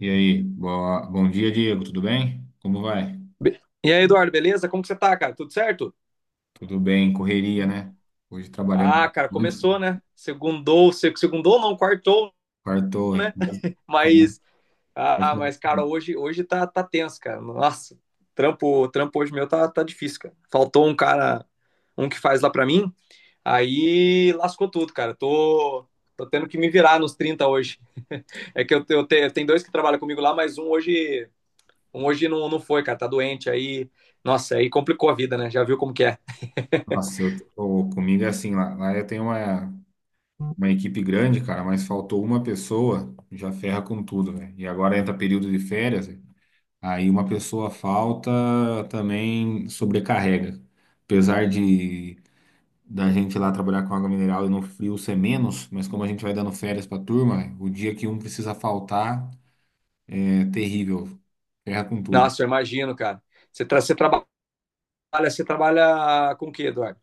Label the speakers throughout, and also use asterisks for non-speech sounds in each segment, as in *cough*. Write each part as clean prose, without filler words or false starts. Speaker 1: E aí, bom dia, Diego, tudo bem? Como vai?
Speaker 2: E aí, Eduardo, beleza? Como que você tá, cara? Tudo certo?
Speaker 1: Tudo bem, correria, né? Hoje trabalhando
Speaker 2: Ah, cara,
Speaker 1: muito, né?
Speaker 2: começou, né? Segundou, segundou não, quartou,
Speaker 1: Quartou, é
Speaker 2: né?
Speaker 1: quase-
Speaker 2: Mas, ah,
Speaker 1: quase-
Speaker 2: mas cara, hoje tá tenso, cara. Nossa, trampo hoje meu tá difícil, cara. Faltou um cara, um que faz lá pra mim, aí lascou tudo, cara. Tô tendo que me virar nos 30 hoje. *laughs* É que eu dois que trabalham comigo lá, mas um hoje não, não foi, cara. Tá doente, aí, nossa, aí complicou a vida, né? Já viu como que é.
Speaker 1: Nossa, eu comigo é assim, lá eu tenho uma equipe grande, cara, mas faltou uma pessoa, já ferra com tudo, né? E agora entra período de férias, né? Aí uma pessoa falta também sobrecarrega. Apesar de da gente lá trabalhar com água mineral e no frio ser menos, mas como a gente vai dando férias pra turma, o dia que um precisa faltar é terrível, ferra com tudo.
Speaker 2: Nossa, eu imagino, cara. Você, tra você trabalha, você trabalha com o quê, Eduardo?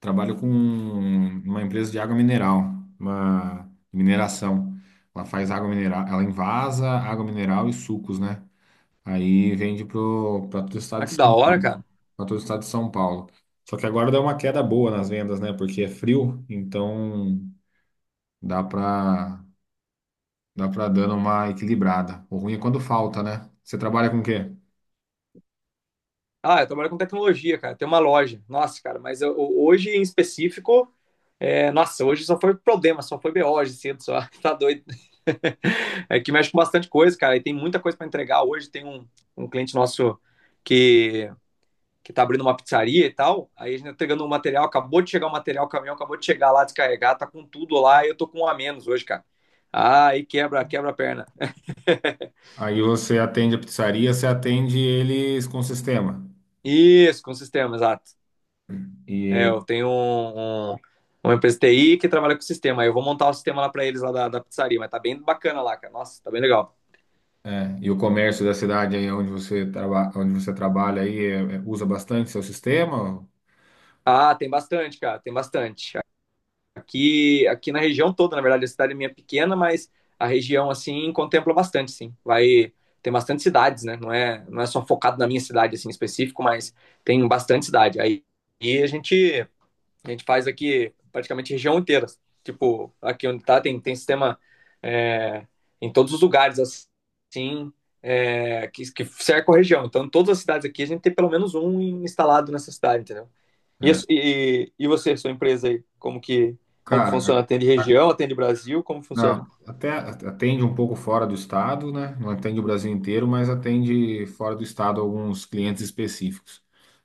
Speaker 1: Trabalho com uma empresa de água mineral, uma mineração. Ela faz água mineral, ela envasa água mineral e sucos, né? Para todo o estado
Speaker 2: Ah,
Speaker 1: de,
Speaker 2: que da
Speaker 1: São-
Speaker 2: hora, cara.
Speaker 1: pra todo o estado de São Paulo. Só que agora deu uma queda boa nas vendas, né? Porque é frio, então dá para dá para dando uma equilibrada. O ruim é quando falta, né? Você trabalha com o quê?
Speaker 2: Ah, eu trabalho com tecnologia, cara. Tem uma loja. Nossa, cara, mas hoje em específico, nossa, hoje só foi problema, só foi BO hoje cedo, só. *laughs* Tá doido. *laughs* É que mexe com bastante coisa, cara. E tem muita coisa para entregar. Hoje tem um cliente nosso que, que tá abrindo uma pizzaria e tal. Aí a gente tá entregando um material, acabou de chegar o material, o caminhão acabou de chegar lá, descarregar, tá com tudo lá. E eu tô com um a menos hoje, cara. Ah, aí quebra, quebra a perna.
Speaker 1: Aí você atende a pizzaria, você atende eles com o sistema.
Speaker 2: Isso, com sistema, exato. É,
Speaker 1: E,
Speaker 2: eu tenho uma empresa de TI que trabalha com sistema. Aí eu vou montar o sistema lá pra eles lá da pizzaria, mas tá bem bacana lá, cara. Nossa, tá bem legal.
Speaker 1: e o comércio da cidade aí onde onde você trabalha aí usa bastante seu sistema?
Speaker 2: Ah, tem bastante, cara, tem bastante. Aqui na região toda, na verdade, a cidade minha é pequena, mas a região assim contempla bastante, sim. Vai Tem bastante cidades, né? Não é só focado na minha cidade assim em específico, mas tem bastante cidade. Aí e a gente A gente faz aqui praticamente região inteira. Tipo, aqui onde tá, tem sistema é, em todos os lugares, assim, que cerca a região. Então, em todas as cidades aqui, a gente tem pelo menos um instalado nessa cidade, entendeu? E,
Speaker 1: É.
Speaker 2: e, e você, sua empresa aí, como que
Speaker 1: Cara,
Speaker 2: funciona? Atende
Speaker 1: a-
Speaker 2: região, atende Brasil, como funciona?
Speaker 1: Não, até atende um pouco fora do estado, né? Não atende o Brasil inteiro, mas atende fora do estado alguns clientes específicos.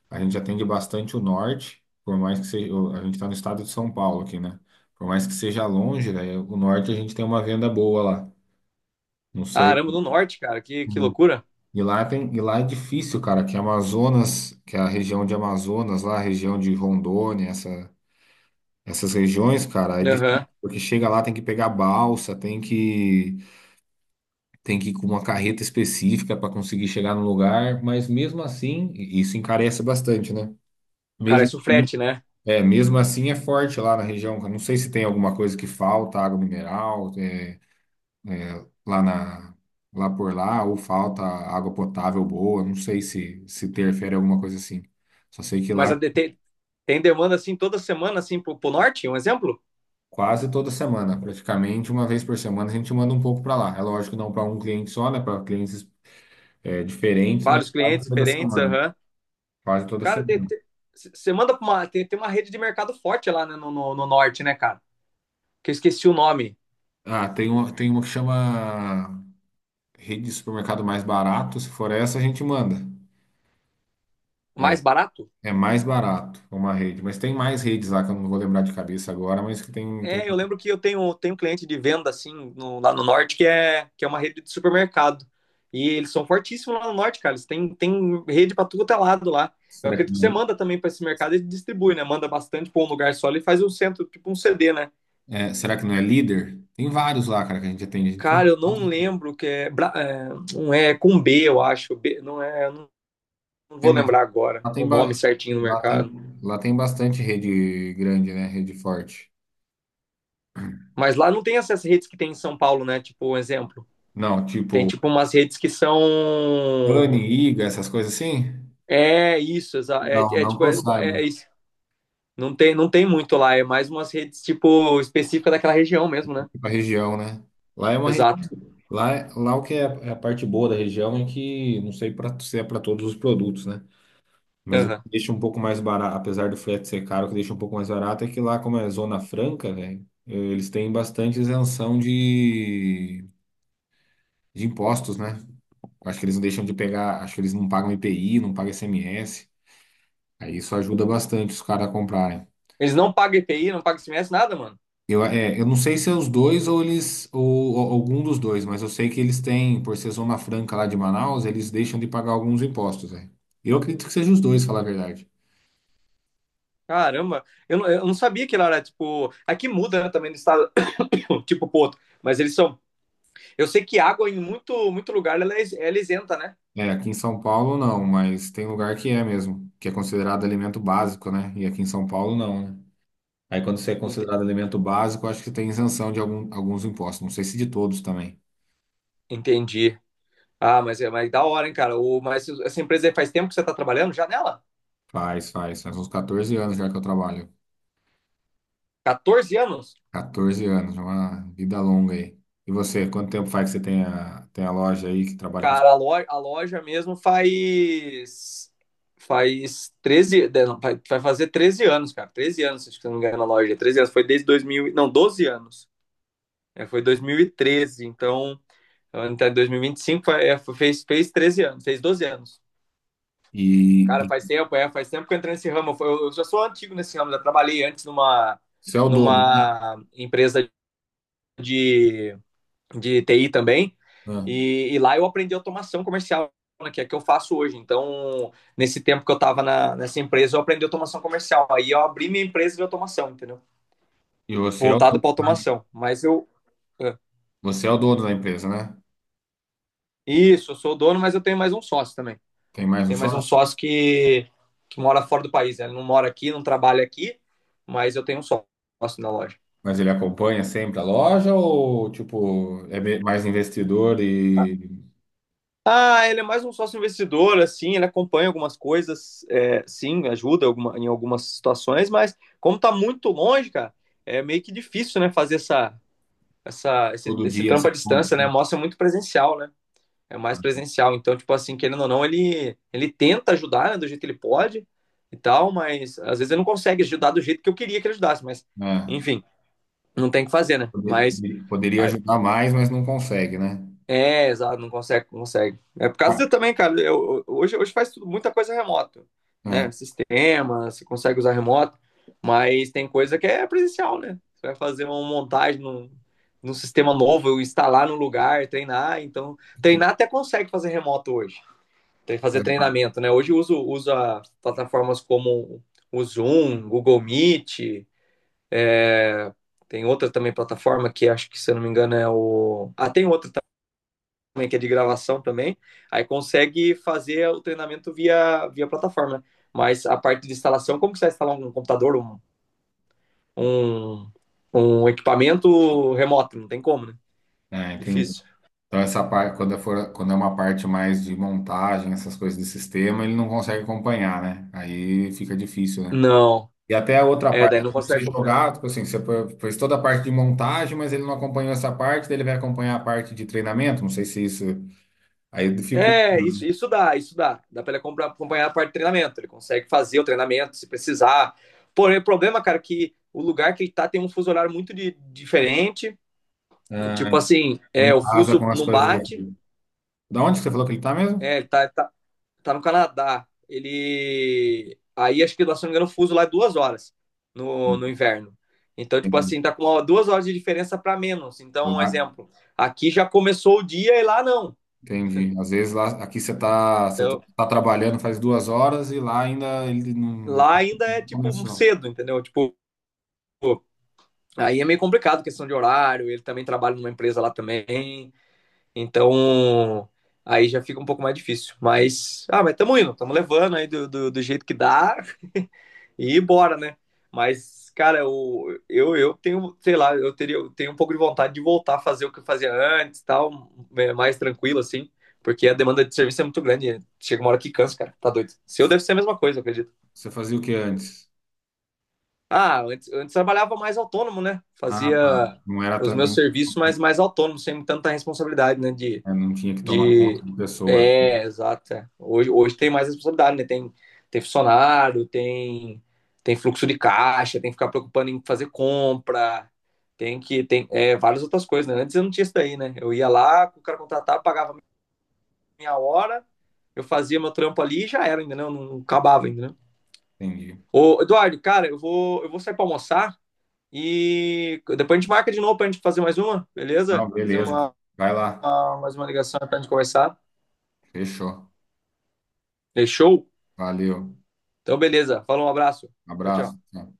Speaker 1: A gente atende bastante o norte, por mais que seja, a gente está no estado de São Paulo aqui, né? Por mais que seja longe, né? O norte a gente tem uma venda boa lá. Não
Speaker 2: Ah,
Speaker 1: sei.
Speaker 2: Aramo do Norte, cara, que
Speaker 1: Uhum.
Speaker 2: loucura.
Speaker 1: E lá tem, e lá é difícil, cara, que Amazonas, que é a região de Amazonas, lá a região de Rondônia, essas regiões, cara, é
Speaker 2: Aham.
Speaker 1: difícil, porque chega lá tem que pegar balsa, tem que ir com uma carreta específica para conseguir chegar no lugar, mas mesmo assim, isso encarece bastante, né?
Speaker 2: Cara,
Speaker 1: Mesmo,
Speaker 2: isso
Speaker 1: assim-
Speaker 2: frete, né?
Speaker 1: é, mesmo assim é forte lá na região. Eu não sei se tem alguma coisa que falta, água mineral, é, lá lá por lá, ou falta água potável boa, não sei se se interfere alguma coisa assim. Só sei que lá
Speaker 2: Mas
Speaker 1: é
Speaker 2: tem demanda, assim, toda semana, assim, pro Norte, um exemplo?
Speaker 1: quase toda semana, praticamente uma vez por semana, a gente manda um pouco para lá. É lógico, não para um cliente só, né? Para clientes é, diferentes, mas
Speaker 2: Vários
Speaker 1: quase
Speaker 2: clientes
Speaker 1: toda
Speaker 2: diferentes,
Speaker 1: semana.
Speaker 2: aham.
Speaker 1: Quase toda
Speaker 2: Cara,
Speaker 1: semana.
Speaker 2: você manda pra uma. Tem uma rede de mercado forte lá, né, no norte, né, cara? Que eu esqueci o nome.
Speaker 1: Ah, tem uma que chama rede de supermercado mais barato. Se for essa, a gente manda.
Speaker 2: Mais barato?
Speaker 1: É mais barato uma rede. Mas tem mais redes lá que eu não vou lembrar de cabeça agora, mas que tem, tem...
Speaker 2: É, eu lembro que eu tenho um cliente de venda, assim, lá no norte, que é uma rede de supermercado. E eles são fortíssimos lá no norte, cara. Eles têm rede pra tudo quanto é lado lá. Eu
Speaker 1: Será que
Speaker 2: acredito que você
Speaker 1: não?
Speaker 2: manda também pra esse mercado e distribui, né? Manda bastante pra um lugar só e faz um centro, tipo um CD, né?
Speaker 1: Será que não é líder? Tem vários lá, cara, que a gente atende. A
Speaker 2: Cara, eu não
Speaker 1: gente...
Speaker 2: lembro que é. Não é com B, eu acho. B, não é. Eu Não Não
Speaker 1: É,
Speaker 2: vou
Speaker 1: mas
Speaker 2: lembrar agora
Speaker 1: lá
Speaker 2: o
Speaker 1: tem,
Speaker 2: nome certinho do
Speaker 1: lá
Speaker 2: mercado.
Speaker 1: tem, lá tem bastante rede grande, né? Rede forte.
Speaker 2: Mas lá não tem essas redes que tem em São Paulo, né? Tipo, um exemplo.
Speaker 1: Não,
Speaker 2: Tem
Speaker 1: tipo,
Speaker 2: tipo umas redes que são.
Speaker 1: Dani, Iga, essas coisas assim?
Speaker 2: É isso,
Speaker 1: Não,
Speaker 2: é
Speaker 1: não que
Speaker 2: tipo,
Speaker 1: eu saiba.
Speaker 2: é isso. Não tem muito lá, é mais umas redes tipo específicas daquela região mesmo, né?
Speaker 1: Tipo a região, né? Lá é uma região.
Speaker 2: Exato.
Speaker 1: Lá o que é a é a parte boa da região é que, não sei pra, se é para todos os produtos, né? Mas o que
Speaker 2: Aham.
Speaker 1: deixa um pouco mais barato, apesar do frete ser caro, o que deixa um pouco mais barato é que lá, como é Zona Franca, velho, eles têm bastante isenção de impostos, né? Acho que eles não deixam de pegar, acho que eles não pagam IPI, não pagam ICMS. Aí isso ajuda bastante os caras a comprarem.
Speaker 2: Eles não pagam EPI, não pagam SMS, nada, mano.
Speaker 1: Eu não sei se é os dois, ou ou algum dos dois, mas eu sei que eles têm, por ser Zona Franca lá de Manaus, eles deixam de pagar alguns impostos, né? Eu acredito que seja os dois, falar a verdade.
Speaker 2: Caramba, eu não sabia que lá era tipo. Aqui muda, né, também do estado, *coughs* *clears throat* tipo pro outro. Mas eles são. Eu sei que água em muito, muito lugar ela é isenta, né?
Speaker 1: É, aqui em São Paulo não, mas tem lugar que é mesmo, que é considerado alimento básico, né? E aqui em São Paulo não, né? Aí quando você é
Speaker 2: Ent-
Speaker 1: considerado alimento básico, eu acho que tem isenção de algum, alguns impostos, não sei se de todos também.
Speaker 2: Entendi. Ah, mas da hora, hein, cara. Mas essa empresa aí faz tempo que você tá trabalhando já nela?
Speaker 1: Faz uns 14 anos já que eu trabalho.
Speaker 2: 14 anos?
Speaker 1: 14 anos, uma vida longa aí. E você, quanto tempo faz que você tem tem a loja aí que trabalha com...
Speaker 2: Cara, a loja mesmo faz. Faz 13. Não, vai fazer 13 anos, cara. 13 anos, acho que se eu não me engano, na loja. 13 anos. Foi desde 2000. Não, 12 anos. É, foi 2013. Então, até 2025 fez 13 anos. Fez 12 anos.
Speaker 1: E
Speaker 2: Cara, faz tempo, é. Faz tempo que eu entrei nesse ramo. Eu já sou antigo nesse ramo. Já trabalhei antes numa,
Speaker 1: você é o dono, né?
Speaker 2: numa empresa de de TI também.
Speaker 1: Ah,
Speaker 2: Lá eu aprendi automação comercial, né, que é que eu faço hoje. Então, nesse tempo que eu estava nessa empresa, eu aprendi automação comercial. Aí eu abri minha empresa de automação, entendeu?
Speaker 1: e você é o
Speaker 2: Voltado
Speaker 1: dono,
Speaker 2: para
Speaker 1: né?
Speaker 2: automação. Mas eu. é,
Speaker 1: Você é o dono da empresa, né?
Speaker 2: Isso, eu sou dono, mas eu tenho mais um sócio também.
Speaker 1: Tem mais um
Speaker 2: Tem mais um
Speaker 1: sócio?
Speaker 2: sócio que mora fora do país. Né? Ele não mora aqui, não trabalha aqui, mas eu tenho um sócio na loja.
Speaker 1: Mas ele acompanha sempre a loja ou, tipo, mais investidor e
Speaker 2: Ah, ele é mais um sócio investidor, assim, ele acompanha algumas coisas, é, sim, ajuda em algumas situações, mas como tá muito longe, cara, é meio que difícil, né, fazer essa, essa, esse,
Speaker 1: todo
Speaker 2: esse
Speaker 1: dia
Speaker 2: trampo
Speaker 1: essa
Speaker 2: à
Speaker 1: ponte,
Speaker 2: distância, né? Mostra muito presencial, né? É mais presencial. Então, tipo assim, querendo ou não, ele tenta ajudar, né, do jeito que ele pode e tal, mas às vezes ele não consegue ajudar do jeito que eu queria que ele ajudasse, mas,
Speaker 1: né?
Speaker 2: enfim, não tem o que fazer, né?
Speaker 1: Poderia
Speaker 2: Ah,
Speaker 1: ajudar mais, mas não consegue, né?
Speaker 2: É, exato, não consegue, não consegue. É por causa
Speaker 1: Ah,
Speaker 2: de também, cara. Hoje faz muita coisa remoto, né?
Speaker 1: é.
Speaker 2: Sistema, você consegue usar remoto, mas tem coisa que é presencial, né? Você vai fazer uma montagem num sistema novo, instalar no lugar, treinar. Então,
Speaker 1: Isso-
Speaker 2: treinar até consegue fazer remoto hoje. Tem que fazer treinamento, né? Hoje eu usa plataformas como o Zoom, Google Meet, é, tem outra também plataforma que acho que, se eu não me engano, é o. Ah, tem outra também, né, que é de gravação também, aí consegue fazer o treinamento via, plataforma, né? Mas a parte de instalação, como que você vai instalar um computador, um, um equipamento remoto? Não tem como, né?
Speaker 1: Ah, entendi.
Speaker 2: Difícil.
Speaker 1: Então, essa parte, quando é uma parte mais de montagem, essas coisas de sistema, ele não consegue acompanhar, né? Aí fica difícil, né?
Speaker 2: Não.
Speaker 1: E até a outra
Speaker 2: É,
Speaker 1: parte,
Speaker 2: daí não
Speaker 1: você
Speaker 2: consegue acompanhar.
Speaker 1: jogar, tipo assim, fez toda a parte de montagem, mas ele não acompanhou essa parte, daí ele vai acompanhar a parte de treinamento, não sei se isso aí dificulta,
Speaker 2: É,
Speaker 1: né?
Speaker 2: isso dá, isso dá. Dá pra ele acompanhar a parte de treinamento. Ele consegue fazer o treinamento se precisar. Porém, o problema, cara, é que o lugar que ele tá tem um fuso horário muito diferente. E,
Speaker 1: Ah,
Speaker 2: tipo assim,
Speaker 1: não
Speaker 2: o
Speaker 1: casa
Speaker 2: fuso
Speaker 1: com as
Speaker 2: não
Speaker 1: coisas
Speaker 2: bate.
Speaker 1: daqui. Da onde que você falou que ele tá mesmo?
Speaker 2: É, ele tá no Canadá. Ele. Aí acho que lá, se não me engano, o fuso lá é 2 horas no inverno. Então, tipo
Speaker 1: Entendi.
Speaker 2: assim, tá com 2 horas de diferença para menos. Então, um
Speaker 1: Lá,
Speaker 2: exemplo, aqui já começou o dia e lá não.
Speaker 1: entendi. Às vezes lá, você
Speaker 2: Então,
Speaker 1: tá trabalhando faz 2 horas e lá ainda ele não
Speaker 2: lá ainda é
Speaker 1: não
Speaker 2: tipo
Speaker 1: começou.
Speaker 2: cedo, entendeu? Tipo, aí é meio complicado questão de horário. Ele também trabalha numa empresa lá também. Então, aí já fica um pouco mais difícil. Mas, tamo indo, tamo levando aí do jeito que dá. E bora, né? Mas, cara, eu tenho, sei lá, eu tenho um pouco de vontade de voltar a fazer o que eu fazia antes e tal, mais tranquilo, assim, porque a demanda de serviço é muito grande, né? Chega uma hora que cansa, cara, tá doido. Seu deve ser a mesma coisa, eu acredito.
Speaker 1: Você fazia o que antes?
Speaker 2: Ah, antes trabalhava mais autônomo, né?
Speaker 1: Ah,
Speaker 2: Fazia
Speaker 1: tá. Não era
Speaker 2: os
Speaker 1: tão.
Speaker 2: meus
Speaker 1: Não,
Speaker 2: serviços, mas
Speaker 1: não
Speaker 2: mais autônomo, sem tanta responsabilidade, né? De
Speaker 1: é, não tinha que tomar conta
Speaker 2: de.
Speaker 1: de pessoas.
Speaker 2: É, exato. Hoje tem mais responsabilidade, né? Tem funcionário, tem fluxo de caixa, tem que ficar preocupando em fazer compra, tem que. Tem várias outras coisas, né? Antes eu não tinha isso daí, né? Eu ia lá, o cara contratava, pagava minha hora, eu fazia meu trampo ali e já era, ainda não acabava ainda, né?
Speaker 1: Entendi.
Speaker 2: Ô, Eduardo, cara, eu vou sair pra almoçar e depois a gente marca de novo pra gente fazer mais uma, beleza?
Speaker 1: Não, beleza. Vai lá.
Speaker 2: Mais uma ligação pra gente conversar.
Speaker 1: Fechou.
Speaker 2: Fechou?
Speaker 1: Valeu.
Speaker 2: Então, beleza. Falou, um abraço. Tchau, tchau.
Speaker 1: Abraço. Tchau.